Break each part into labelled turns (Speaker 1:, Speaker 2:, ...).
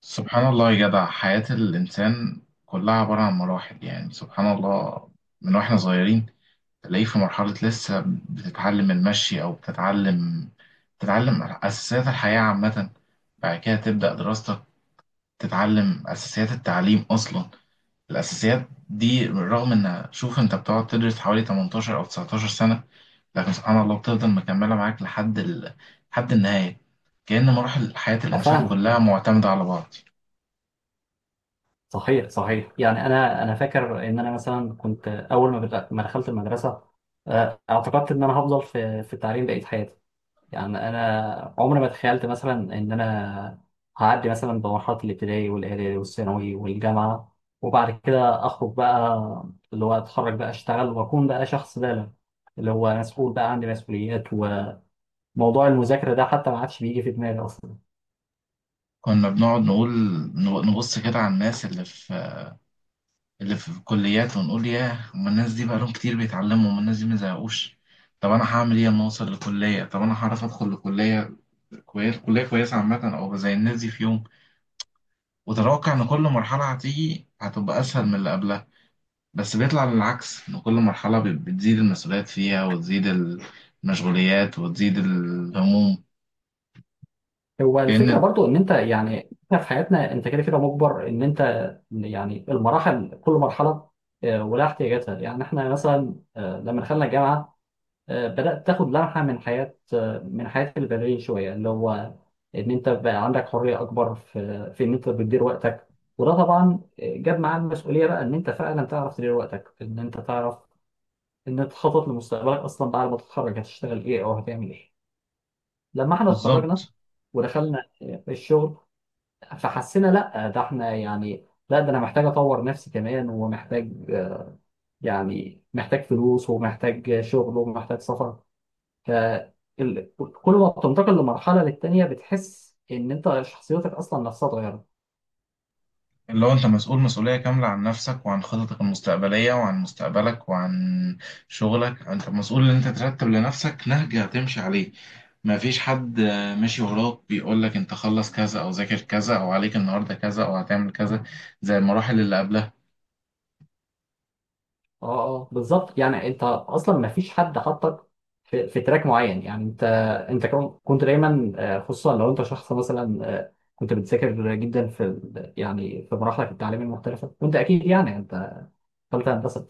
Speaker 1: سبحان الله يا جدع، حياة الإنسان كلها عبارة عن مراحل، يعني سبحان الله. من واحنا صغيرين تلاقيه في مرحلة لسه بتتعلم المشي، أو بتتعلم أساسيات الحياة عامة. بعد كده تبدأ دراستك، تتعلم أساسيات التعليم أصلا. الأساسيات دي، رغم إن شوف أنت بتقعد تدرس حوالي 18 أو 19 سنة، لكن سبحان الله بتفضل مكملة معاك لحد النهاية. كأن مراحل حياة
Speaker 2: اه
Speaker 1: الإنسان
Speaker 2: فاهم
Speaker 1: كلها
Speaker 2: فاهم.
Speaker 1: معتمدة على بعض.
Speaker 2: صحيح صحيح، يعني انا فاكر ان انا مثلا كنت اول ما بدأ- ما دخلت المدرسه. اعتقدت ان انا هفضل في التعليم بقيه حياتي. يعني انا عمري ما تخيلت مثلا ان انا هعدي مثلا بمرحله الابتدائي والاعدادي والثانوي والجامعه، وبعد كده اخرج بقى، اللي هو اتخرج بقى اشتغل واكون بقى شخص بالغ اللي هو مسؤول، بقى عندي مسؤوليات، وموضوع المذاكره ده حتى ما عادش بيجي في دماغي اصلا.
Speaker 1: كنا بنقعد نقول، نبص كده على الناس اللي في الكليات ونقول: ياه، هما الناس دي بقالهم كتير بيتعلموا، هما الناس دي ما زهقوش؟ طب انا هعمل ايه لما اوصل لكليه؟ طب انا هعرف ادخل لكليه كويس، كليه كويسه عامه، او زي الناس دي في يوم؟ وتتوقع ان كل مرحله هتيجي هتبقى اسهل من اللي قبلها، بس بيطلع للعكس، ان كل مرحله بتزيد المسؤوليات فيها، وتزيد المشغوليات، وتزيد الهموم.
Speaker 2: هو الفكرة
Speaker 1: كأن.
Speaker 2: برضو ان انت، يعني احنا في حياتنا انت كده كده مجبر ان انت، يعني المراحل كل مرحلة ولها احتياجاتها. يعني احنا مثلا لما دخلنا الجامعة بدأت تاخد لمحة من حياة البدرية شوية، اللي هو ان انت بقى عندك حرية اكبر في ان انت بتدير وقتك. وده طبعا جاب معاه المسؤولية، بقى ان انت فعلا تعرف تدير وقتك، ان انت تعرف ان انت تخطط لمستقبلك اصلا، بعد ما تتخرج هتشتغل ايه او هتعمل ايه. لما احنا اتخرجنا
Speaker 1: بالظبط.
Speaker 2: ودخلنا الشغل، فحسينا لا ده احنا، يعني لا ده انا محتاج اطور نفسي كمان ومحتاج يعني محتاج فلوس ومحتاج شغل ومحتاج سفر. ف كل ما بتنتقل للتانيه بتحس ان انت شخصيتك اصلا نفسها اتغيرت.
Speaker 1: اللي هو انت مسؤول مسؤولية كاملة عن نفسك، وعن خططك المستقبلية، وعن مستقبلك، وعن شغلك. انت مسؤول ان انت ترتب لنفسك نهج هتمشي عليه. ما فيش حد ماشي وراك بيقول لك: انت خلص كذا، او ذاكر كذا، او عليك النهاردة كذا، او هتعمل كذا، زي المراحل اللي قبلها.
Speaker 2: اه اه بالظبط، يعني انت اصلا ما فيش حد حطك في تراك معين. يعني انت كنت دايما خصوصا لو انت شخص مثلا كنت بتذاكر جدا يعني في مراحلك التعليميه المختلفه، وانت اكيد يعني انت ثالثه هندسه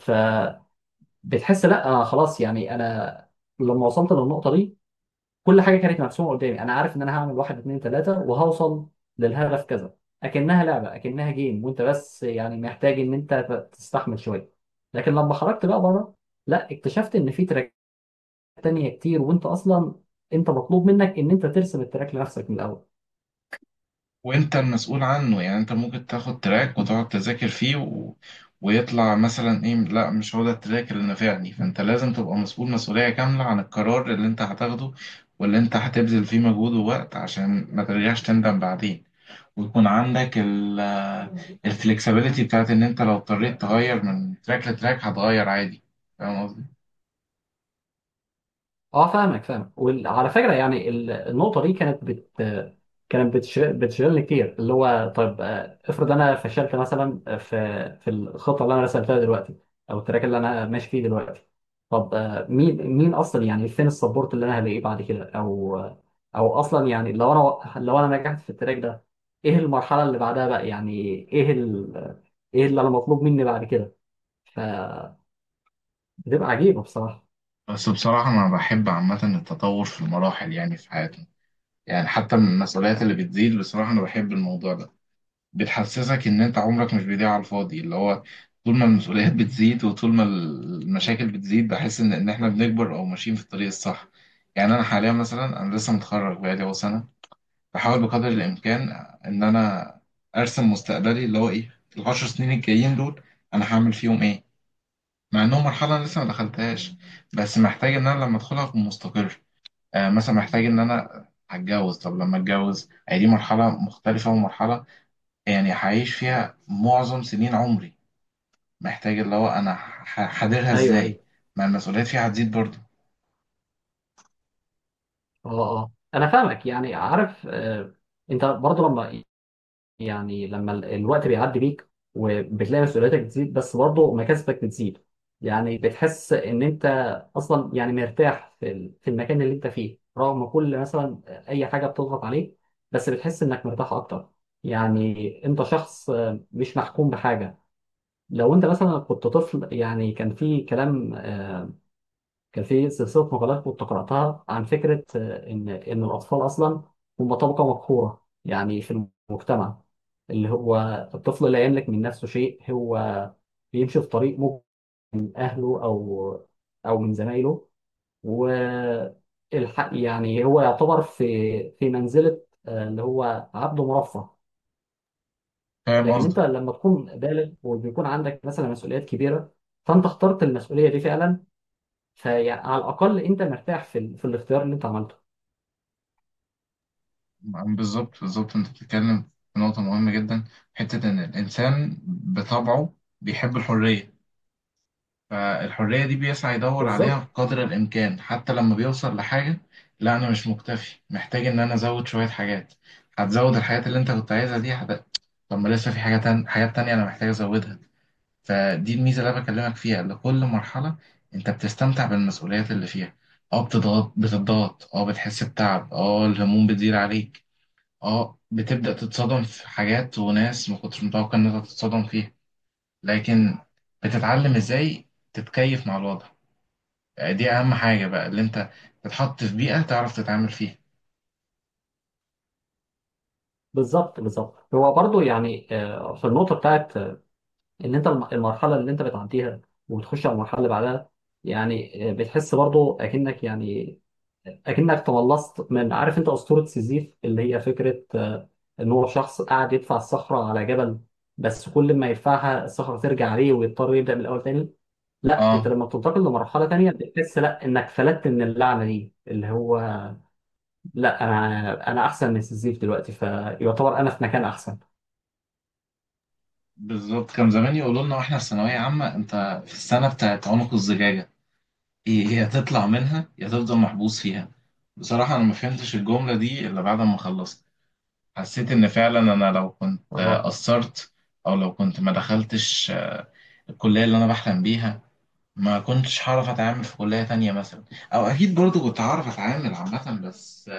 Speaker 2: بتحس لا خلاص، يعني انا لما وصلت للنقطه دي كل حاجه كانت مرسومه قدامي، انا عارف ان انا هعمل واحد اتنين تلاته وهوصل للهدف كذا. اكنها لعبه، اكنها جيم، وانت بس يعني محتاج ان انت تستحمل شويه. لكن لما خرجت بقى بره لا اكتشفت ان في تراك تانية كتير، وانت اصلا انت مطلوب منك ان انت ترسم التراك لنفسك من الاول.
Speaker 1: وانت المسؤول عنه، يعني انت ممكن تاخد تراك وتقعد تذاكر فيه ويطلع مثلا ايه، لا مش هو ده التراك اللي نفعني، فانت لازم تبقى مسؤول مسؤولية كاملة عن القرار اللي انت هتاخده، واللي انت هتبذل فيه مجهود ووقت عشان ما ترجعش تندم بعدين، ويكون عندك الفلكسبيليتي بتاعت ان انت لو اضطريت تغير من تراك لتراك هتغير عادي. فاهم قصدي؟
Speaker 2: اه فاهمك فاهم. وعلى فكره يعني النقطه دي كانت بت كانت بتش- بتشغلني كتير، اللي هو طيب افرض انا فشلت مثلا في الخطه اللي انا رسمتها دلوقتي، او التراك اللي انا ماشي فيه دلوقتي. طب مين اصلا، يعني فين السبورت اللي انا هلاقيه بعد كده، او اصلا يعني لو انا نجحت في التراك ده، ايه المرحله اللي بعدها بقى؟ يعني ايه ال... ايه اللي انا مطلوب مني بعد كده؟ فبتبقى عجيبه بصراحه.
Speaker 1: بس بصراحة انا بحب عامة التطور في المراحل، يعني في حياتنا، يعني حتى من المسؤوليات اللي بتزيد، بصراحة انا بحب الموضوع ده. بتحسسك ان انت عمرك مش بيضيع على الفاضي، اللي هو طول ما المسؤوليات بتزيد، وطول ما المشاكل بتزيد، بحس ان احنا بنكبر او ماشيين في الطريق الصح. يعني انا حاليا مثلا انا لسه متخرج بقالي اهو سنه، بحاول بقدر الامكان ان انا ارسم مستقبلي، اللي هو ايه العشر سنين الجايين دول انا هعمل فيهم ايه، مع انهم مرحله أنا لسه ما دخلتهاش، بس محتاج ان انا لما ادخلها اكون مستقر. آه مثلا محتاج ان انا هتجوز. طب لما اتجوز، هي دي مرحله مختلفه ومرحله يعني هعيش فيها معظم سنين عمري. محتاج اللي هو انا هحضرها
Speaker 2: ايوه
Speaker 1: ازاي.
Speaker 2: أيوه.
Speaker 1: ما المسؤوليات فيها هتزيد برضه.
Speaker 2: اه اه انا فاهمك، يعني عارف انت برضو لما، الوقت بيعدي بيك وبتلاقي مسؤولياتك بتزيد، بس برضو مكاسبك بتزيد. يعني بتحس ان انت اصلا يعني مرتاح في المكان اللي انت فيه، رغم كل مثلا اي حاجه بتضغط عليك، بس بتحس انك مرتاح اكتر. يعني انت شخص مش محكوم بحاجه. لو انت مثلا كنت طفل، يعني كان في كلام كان في سلسلة مقالات كنت قرأتها عن فكرة إن الأطفال أصلا هم طبقة مقهورة، يعني في المجتمع، اللي هو الطفل لا يملك من نفسه شيء، هو بيمشي في طريق ممكن من أهله، أو من زمايله، والحق يعني هو يعتبر في منزلة اللي هو عبد مرفه.
Speaker 1: فاهم
Speaker 2: لكن أنت
Speaker 1: قصدك.
Speaker 2: لما تكون بالغ وبيكون عندك مثلا مسؤوليات كبيرة، فأنت اخترت المسؤولية دي فعلا، فعلى الاقل انت مرتاح في الاختيار اللي انت عملته.
Speaker 1: بالظبط بالظبط، انت بتتكلم في نقطة مهمة جدا. حتة ان الانسان بطبعه بيحب الحرية. فالحرية دي بيسعى يدور عليها
Speaker 2: بالظبط،
Speaker 1: بقدر الامكان، حتى لما بيوصل لحاجة: لا انا مش مكتفي، محتاج ان انا ازود شوية حاجات. هتزود الحاجات اللي انت كنت عايزها دي، طب ما لسه في حاجة حاجات تانية انا محتاج ازودها. فدي الميزة اللي أنا بكلمك فيها، إن كل مرحلة أنت بتستمتع بالمسؤوليات اللي فيها. أه بتضغط، أه بتحس بتعب، أه الهموم بتزيد عليك، أه بتبدأ تتصدم في حاجات وناس ما كنتش متوقع إن أنت تتصدم فيها. لكن بتتعلم إزاي تتكيف مع الوضع. آه، دي أهم حاجة بقى، اللي أنت تتحط في بيئة تعرف تتعامل فيها.
Speaker 2: بالظبط، بالظبط. هو برضو يعني في النقطه بتاعت ان انت المرحله اللي انت بتعديها وبتخش على المرحله اللي بعدها، يعني بتحس برضو اكنك، يعني اكنك تملصت من، عارف انت اسطوره سيزيف، اللي هي فكره ان هو شخص قاعد يدفع الصخره على جبل، بس كل ما يدفعها الصخره ترجع عليه ويضطر يبدا من الاول تاني. لا انت
Speaker 1: أه
Speaker 2: لما بتنتقل لمرحله تانيه بتحس لا انك فلتت من اللعنه دي، اللي هو لا انا احسن من سيزيف دلوقتي، فيعتبر انا في مكان احسن.
Speaker 1: بالظبط. كان زمان يقولوا لنا واحنا في ثانوية عامة: أنت في السنة بتاعت عنق الزجاجة، ايه هي هتطلع منها يا تفضل محبوس فيها. بصراحة انا ما فهمتش الجملة دي الا بعد ما خلصت. حسيت ان فعلا انا لو كنت
Speaker 2: اه
Speaker 1: قصرت، او لو كنت ما دخلتش الكلية اللي انا بحلم بيها، ما كنتش هعرف اتعامل في كلية تانية مثلا، او اكيد برضو كنت هعرف اتعامل عامة، بس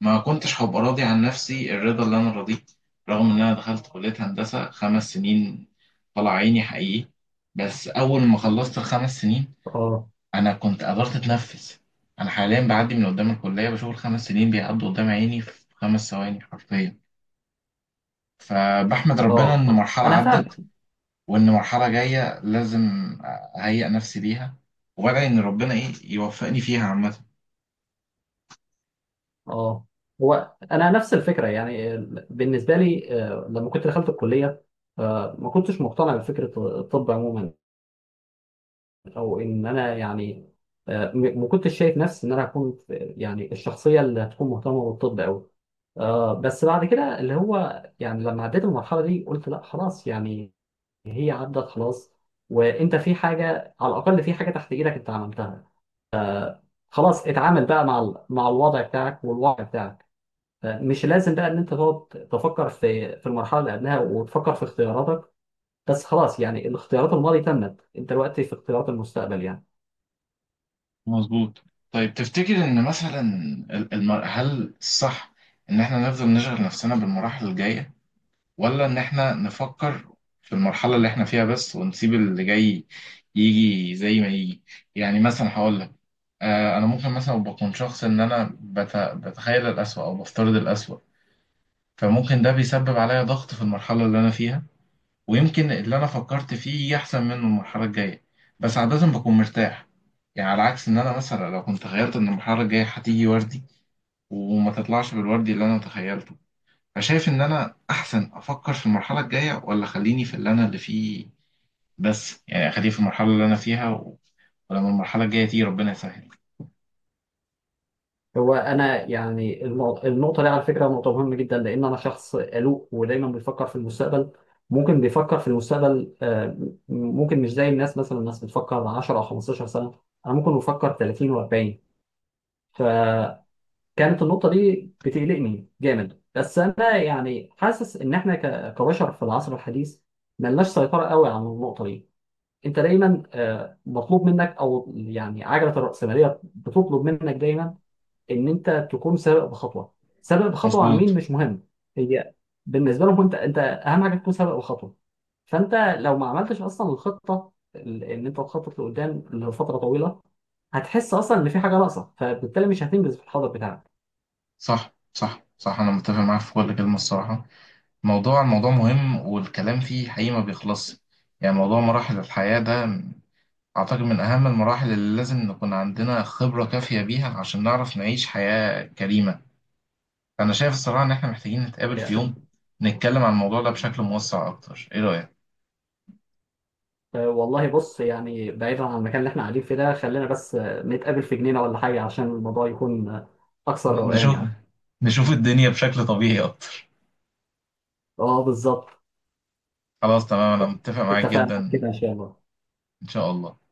Speaker 1: ما كنتش هبقى راضي عن نفسي الرضا اللي انا رضيه. رغم ان انا دخلت كلية هندسة 5 سنين، طلع عيني حقيقي. بس اول ما خلصت الخمس سنين
Speaker 2: اه
Speaker 1: انا كنت قدرت اتنفس. انا حاليا بعدي من قدام الكليه بشوف الخمس سنين بيعدوا قدام عيني في 5 ثواني حرفيا. فبحمد ربنا
Speaker 2: اه
Speaker 1: ان
Speaker 2: اه
Speaker 1: مرحله
Speaker 2: انا فاهمك
Speaker 1: عدت، وان مرحله جايه لازم اهيئ نفسي ليها، وادعي ان ربنا ايه يوفقني فيها عامه.
Speaker 2: اه. هو انا نفس الفكره يعني بالنسبه لي لما كنت دخلت الكليه ما كنتش مقتنع بفكره الطب عموما، او ان انا يعني ما كنتش شايف نفسي ان انا هكون يعني الشخصيه اللي هتكون مهتمه بالطب قوي. بس بعد كده اللي هو يعني لما عديت المرحلة دي قلت لا خلاص، يعني هي عدت خلاص، وانت في حاجه على الاقل، في حاجه تحت ايدك انت عملتها، خلاص اتعامل بقى مع الوضع بتاعك والواقع بتاعك. مش لازم بقى ان انت تقعد تفكر في المرحله اللي قبلها وتفكر في اختياراتك، بس خلاص، يعني الاختيارات الماضي تمت، انت دلوقتي في اختيارات المستقبل يعني.
Speaker 1: مظبوط. طيب تفتكر ان مثلا هل الصح ان احنا نفضل نشغل نفسنا بالمراحل الجايه، ولا ان احنا نفكر في المرحله اللي احنا فيها بس، ونسيب اللي جاي يجي زي ما يجي؟ يعني مثلا هقول لك، انا ممكن مثلا بكون شخص ان انا بتخيل الأسوأ، او بفترض الأسوأ. فممكن ده بيسبب عليا ضغط في المرحله اللي انا فيها، ويمكن اللي انا فكرت فيه يجي احسن منه المرحله الجايه، بس عاده بكون مرتاح. يعني على عكس ان انا مثلا لو كنت تخيلت ان المرحله الجايه هتيجي وردي وما تطلعش بالوردي اللي انا تخيلته. فشايف ان انا احسن افكر في المرحله الجايه، ولا خليني في اللي فيه؟ بس يعني اخليه في المرحله اللي انا فيها ولما المرحله الجايه تيجي ربنا يسهل.
Speaker 2: هو انا يعني النقطه دي على فكره نقطه مهمه جدا، لان انا شخص قلق ودايما بيفكر في المستقبل، ممكن بيفكر في المستقبل ممكن مش زي الناس، مثلا الناس بتفكر 10 او 15 سنه، انا ممكن بفكر 30 و40. فكانت النقطه دي بتقلقني جامد، بس انا يعني حاسس ان احنا كبشر في العصر الحديث ملناش سيطره قوي على النقطه دي. انت دايما مطلوب منك، او يعني عجله الراسماليه بتطلب منك دايما ان انت تكون سابق بخطوه، سابق بخطوه عن مين
Speaker 1: مظبوط.
Speaker 2: مش مهم. هي بالنسبه لهم انت اهم حاجه تكون سابق بخطوه. فانت لو ما عملتش اصلا الخطه، ان انت تخطط لقدام لفتره طويله، هتحس اصلا ان في حاجه ناقصه، فبالتالي مش هتنجز في الحاضر بتاعك.
Speaker 1: صح صح صح، انا متفق معاك في كل كلمه الصراحه. الموضوع مهم والكلام فيه حقيقي ما بيخلصش. يعني موضوع مراحل الحياه ده اعتقد من اهم المراحل اللي لازم نكون عندنا خبره كافيه بيها عشان نعرف نعيش حياه كريمه. فانا شايف الصراحه ان احنا محتاجين نتقابل في يوم، نتكلم عن الموضوع ده بشكل موسع اكتر. ايه رايك؟
Speaker 2: والله بص، يعني بعيدا عن المكان اللي احنا قاعدين فيه ده، خلينا بس نتقابل في جنينه ولا حاجه، عشان الموضوع يكون اكثر روقان
Speaker 1: نشوف
Speaker 2: يعني.
Speaker 1: نشوف الدنيا بشكل طبيعي اكتر.
Speaker 2: اه بالظبط.
Speaker 1: خلاص تمام، انا متفق معاك
Speaker 2: اتفقنا على
Speaker 1: جدا.
Speaker 2: كده ان شاء الله.
Speaker 1: ان شاء الله.